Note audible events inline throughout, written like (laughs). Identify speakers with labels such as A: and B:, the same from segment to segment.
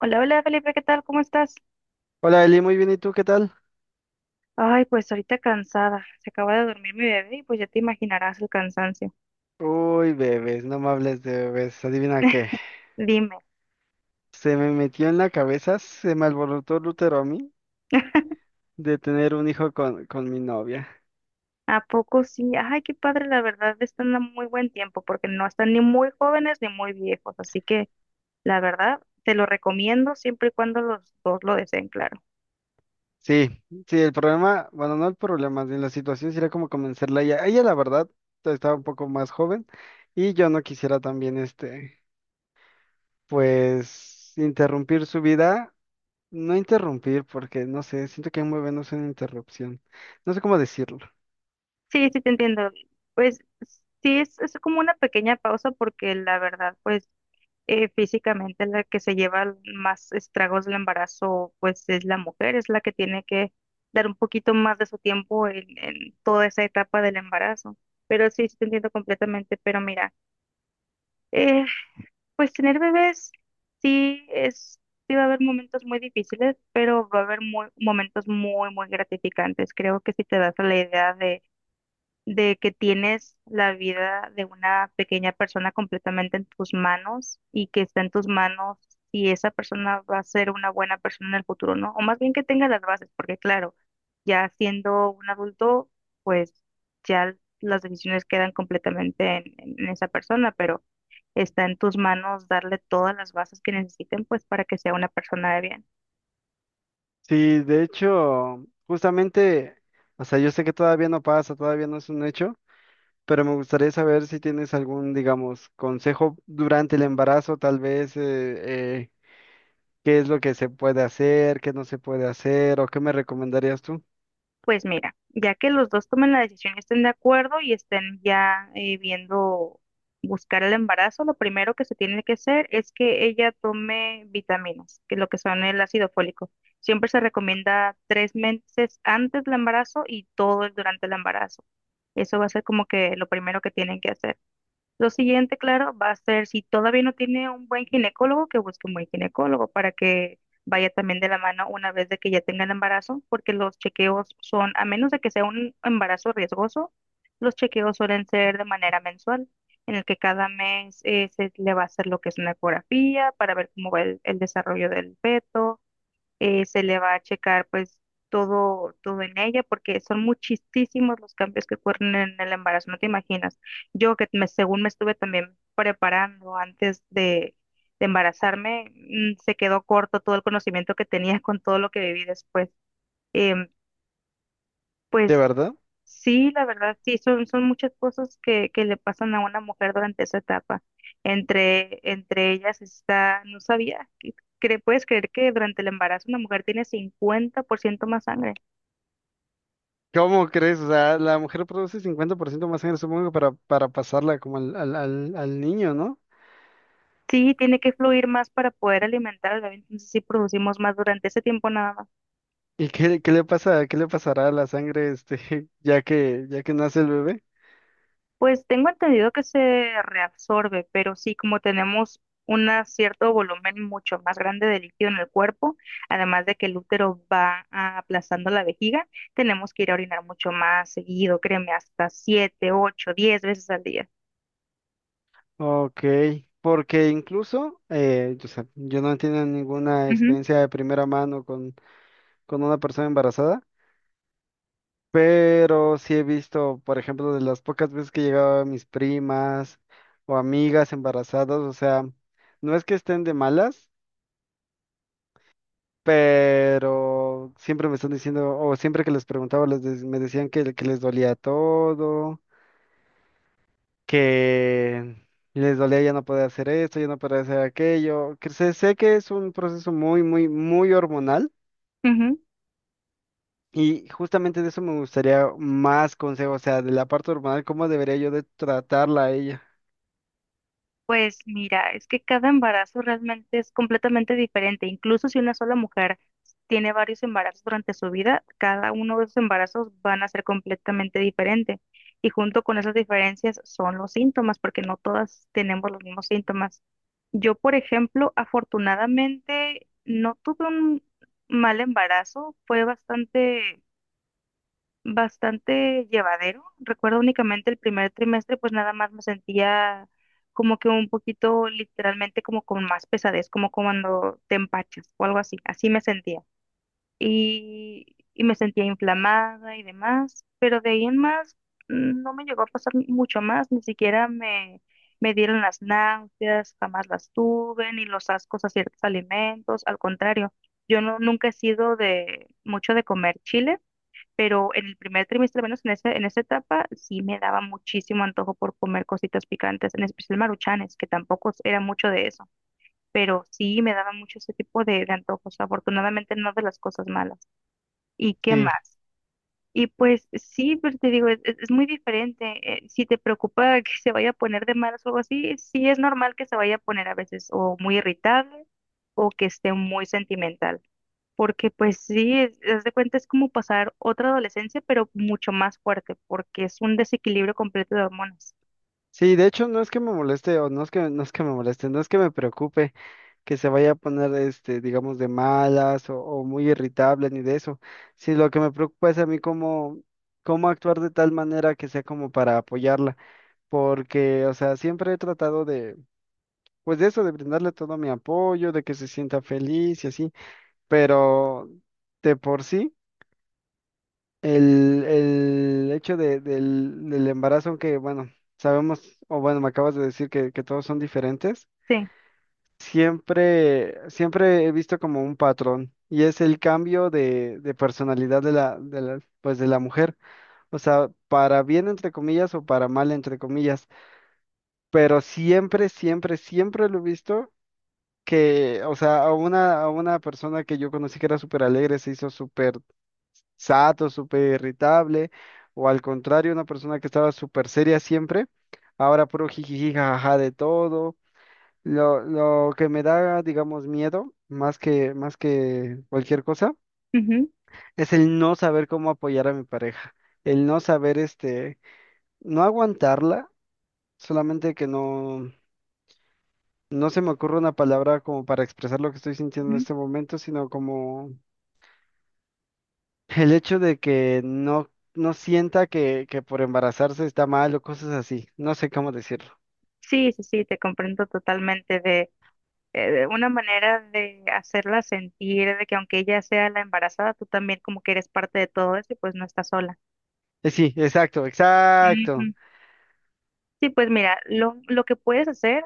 A: Hola, hola Felipe, ¿qué tal? ¿Cómo estás?
B: Hola Eli, muy bien, ¿y tú qué tal?
A: Ay, pues ahorita cansada. Se acaba de dormir mi bebé y pues ya te imaginarás el cansancio.
B: Uy, bebés, no me hables de bebés, adivina qué.
A: Dime.
B: Se me metió en la cabeza, se me alborotó el útero a mí
A: (laughs)
B: de tener un hijo con mi novia.
A: ¿A poco sí? Ay, qué padre, la verdad están a muy buen tiempo porque no están ni muy jóvenes ni muy viejos. Así que la verdad te lo recomiendo siempre y cuando los dos lo deseen, claro.
B: Sí, sí, el problema, bueno, no el problema, de la situación sería como convencerla a ella. Ella, la verdad, estaba un poco más joven y yo no quisiera también, pues, interrumpir su vida. No interrumpir, porque no sé, siento que un bebé no es una interrupción. No sé cómo decirlo.
A: Sí, sí, te entiendo. Pues sí, es como una pequeña pausa porque la verdad, pues físicamente la que se lleva más estragos del embarazo, pues es la mujer, es la que tiene que dar un poquito más de su tiempo en toda esa etapa del embarazo. Pero sí, sí te entiendo completamente, pero mira, eh, pues tener bebés sí es, sí va a haber momentos muy difíciles, pero va a haber muy, momentos muy, muy gratificantes. Creo que si te das a la idea de que tienes la vida de una pequeña persona completamente en tus manos y que está en tus manos si esa persona va a ser una buena persona en el futuro, ¿no? O más bien que tenga las bases, porque claro, ya siendo un adulto, pues ya las decisiones quedan completamente en esa persona, pero está en tus manos darle todas las bases que necesiten, pues para que sea una persona de bien.
B: Sí, de hecho, justamente, o sea, yo sé que todavía no pasa, todavía no es un hecho, pero me gustaría saber si tienes algún, digamos, consejo durante el embarazo, tal vez, qué es lo que se puede hacer, qué no se puede hacer, o qué me recomendarías tú.
A: Pues mira, ya que los dos tomen la decisión y estén de acuerdo y estén ya viendo buscar el embarazo, lo primero que se tiene que hacer es que ella tome vitaminas, que es lo que son el ácido fólico. Siempre se recomienda 3 meses antes del embarazo y todo el durante el embarazo. Eso va a ser como que lo primero que tienen que hacer. Lo siguiente, claro, va a ser si todavía no tiene un buen ginecólogo, que busque un buen ginecólogo para que vaya también de la mano una vez de que ya tenga el embarazo, porque los chequeos son, a menos de que sea un embarazo riesgoso, los chequeos suelen ser de manera mensual, en el que cada mes se le va a hacer lo que es una ecografía para ver cómo va el desarrollo del feto, se le va a checar pues todo en ella, porque son muchísimos los cambios que ocurren en el embarazo, no te imaginas. Yo que me, según me estuve también preparando antes de embarazarme, se quedó corto todo el conocimiento que tenía con todo lo que viví después. em,
B: ¿De
A: pues
B: verdad?
A: sí, la verdad, sí, son, son muchas cosas que le pasan a una mujer durante esa etapa. Entre ellas está, no sabía, ¿puedes creer que durante el embarazo una mujer tiene 50% más sangre?
B: ¿Cómo crees? O sea, la mujer produce 50% más sangre, supongo, para pasarla como al niño, ¿no?
A: Sí, tiene que fluir más para poder alimentar al bebé, entonces sí producimos más durante ese tiempo nada más.
B: ¿Y qué le pasa, qué le pasará a la sangre, este, (laughs) ya que nace el bebé?
A: Pues tengo entendido que se reabsorbe, pero sí, como tenemos un cierto volumen mucho más grande de líquido en el cuerpo, además de que el útero va aplastando la vejiga, tenemos que ir a orinar mucho más seguido, créeme, hasta siete, ocho, 10 veces al día.
B: Ok, porque incluso yo, sé, yo no he tenido ninguna
A: Ujú,
B: experiencia de primera mano con una persona embarazada, pero sí he visto, por ejemplo, de las pocas veces que llegaba mis primas o amigas embarazadas, o sea, no es que estén de malas, pero siempre me están diciendo, o siempre que les preguntaba, me decían que les dolía todo, que les dolía ya no poder hacer esto, ya no poder hacer aquello. Que sé, sé que es un proceso muy, muy, muy hormonal,
A: ujú.
B: y justamente de eso me gustaría más consejos, o sea, de la parte hormonal, cómo debería yo de tratarla a ella.
A: Pues mira, es que cada embarazo realmente es completamente diferente. Incluso si una sola mujer tiene varios embarazos durante su vida, cada uno de esos embarazos van a ser completamente diferente. Y junto con esas diferencias son los síntomas, porque no todas tenemos los mismos síntomas. Yo, por ejemplo, afortunadamente no tuve un mal embarazo, fue bastante llevadero. Recuerdo únicamente el primer trimestre, pues nada más me sentía como que un poquito literalmente como con más pesadez, como cuando te empachas o algo así, así me sentía. Y me sentía inflamada y demás, pero de ahí en más no me llegó a pasar mucho más, ni siquiera me dieron las náuseas, jamás las tuve, ni los ascos a ciertos alimentos, al contrario, yo no, nunca he sido de mucho de comer chile, pero en el primer trimestre, al menos en ese, en esa etapa, sí me daba muchísimo antojo por comer cositas picantes, en especial maruchanes, que tampoco es- era mucho de eso, pero sí me daba mucho ese tipo de antojos, afortunadamente no de las cosas malas. ¿Y qué
B: Sí.
A: más? Y pues sí, pero te digo, es muy diferente. Eh, si te preocupa que se vaya a poner de malas o algo así, sí es normal que se vaya a poner a veces o muy irritable o que esté muy sentimental. Porque pues sí, es, haz de cuenta es como pasar otra adolescencia, pero mucho más fuerte, porque es un desequilibrio completo de hormonas.
B: Sí, de hecho no es que me moleste o no es que me moleste, no es que me preocupe que se vaya a poner este, digamos, de malas o muy irritable ni de eso. Sí, lo que me preocupa es a mí cómo, cómo actuar de tal manera que sea como para apoyarla. Porque, o sea, siempre he tratado de, pues de eso, de brindarle todo mi apoyo, de que se sienta feliz y así, pero de por sí, el hecho del embarazo, aunque, bueno, sabemos, o bueno, me acabas de decir que todos son diferentes,
A: Sí.
B: siempre, siempre he visto como un patrón. Y es el cambio de personalidad pues de la mujer. O sea, para bien entre comillas o para mal entre comillas, pero siempre, siempre, siempre lo he visto que, o sea, a una persona que yo conocí que era súper alegre se hizo súper sato, súper irritable, o al contrario, una persona que estaba súper seria siempre, ahora puro jijiji, jajaja de todo. Lo que me da, digamos, miedo, más que cualquier cosa,
A: Ujú,
B: es el no saber cómo apoyar a mi pareja, el no saber, no aguantarla, solamente que no, no se me ocurre una palabra como para expresar lo que estoy sintiendo en
A: ujú.
B: este momento, sino como el hecho de que no sienta que por embarazarse está mal o cosas así. No sé cómo decirlo.
A: Sí, sí, sí, te comprendo totalmente. De una manera de hacerla sentir de que aunque ella sea la embarazada, tú también como que eres parte de todo eso y pues no estás sola.
B: Sí, exacto, exacto.
A: Ujú. Sí, pues mira, lo que puedes hacer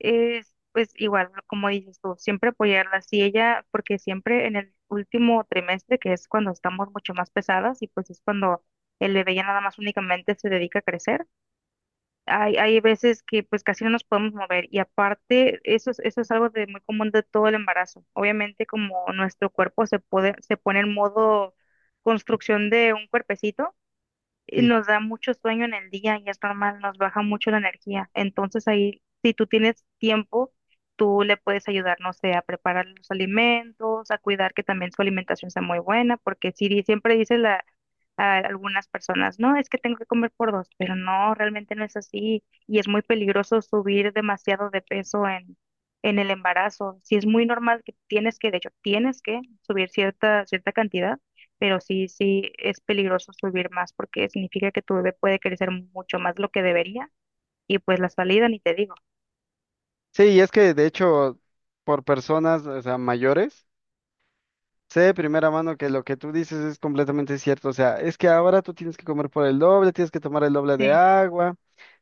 A: es, pues igual, como dices tú, siempre apoyarla. Si ella, porque siempre en el último trimestre, que es cuando estamos mucho más pesadas y pues es cuando el bebé ya nada más únicamente se dedica a crecer, hay veces que pues casi no nos podemos mover y aparte eso, eso es algo de muy común de todo el embarazo. Obviamente como nuestro cuerpo se pone en modo construcción de un cuerpecito, y
B: Sí.
A: nos da mucho sueño en el día y es normal, nos baja mucho la energía. Entonces ahí, si tú tienes tiempo, tú le puedes ayudar, no sé, a preparar los alimentos, a cuidar que también su alimentación sea muy buena, porque si di- siempre dice la, a algunas personas, no, es que tengo que comer por dos, pero no, realmente no es así y es muy peligroso subir demasiado de peso en el embarazo. Si es muy normal que tienes que, de hecho, tienes que subir cierta, cierta cantidad, pero sí, sí es peligroso subir más porque significa que tu bebé puede crecer mucho más de lo que debería y pues la salida ni te digo.
B: Sí, y es que de hecho, por personas, o sea, mayores, sé de primera mano que lo que tú dices es completamente cierto. O sea, es que ahora tú tienes que comer por el doble, tienes que tomar el doble de
A: Sí.
B: agua,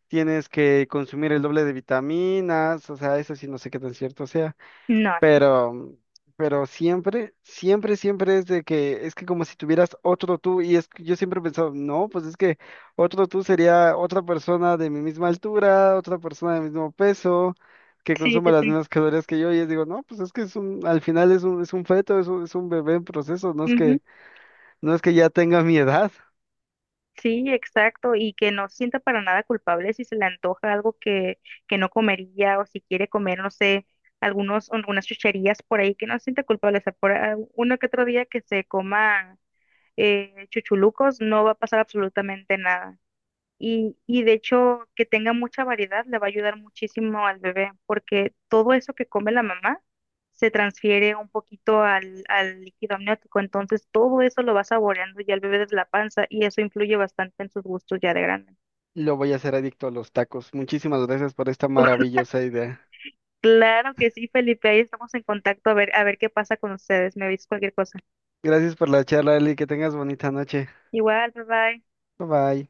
B: tienes que consumir el doble de vitaminas. O sea, eso sí, no sé qué tan cierto sea.
A: No, no.
B: Pero, pero siempre, siempre, siempre es de que es que como si tuvieras otro tú, y es que yo siempre he pensado, no, pues es que otro tú sería otra persona de mi misma altura, otra persona de mismo peso, que
A: Sí,
B: consuma
A: sí,
B: las
A: sí.
B: mismas calorías que yo, y es digo, no, pues es que al final es un feto, es un bebé en proceso, no es
A: Ujú.
B: que, no es que ya tenga mi edad.
A: Sí, exacto. Y que no se sienta para nada culpable si se le antoja algo que no comería o si quiere comer, no sé, algunas chucherías por ahí, que no se sienta culpable. O sea, por uno que otro día que se coma chuchulucos, no va a pasar absolutamente nada. Y de hecho, que tenga mucha variedad le va a ayudar muchísimo al bebé, porque todo eso que come la mamá se transfiere un poquito al líquido amniótico. Entonces, todo eso lo va saboreando ya el bebé desde la panza y eso influye bastante en sus gustos ya de grande.
B: Lo voy a hacer adicto a los tacos. Muchísimas gracias por esta
A: (laughs)
B: maravillosa idea.
A: Claro que sí, Felipe, ahí estamos en contacto a ver qué pasa con ustedes. Me avisas cualquier cosa.
B: Gracias por la charla, Eli, que tengas bonita noche.
A: Igual, bye bye.
B: Bye bye.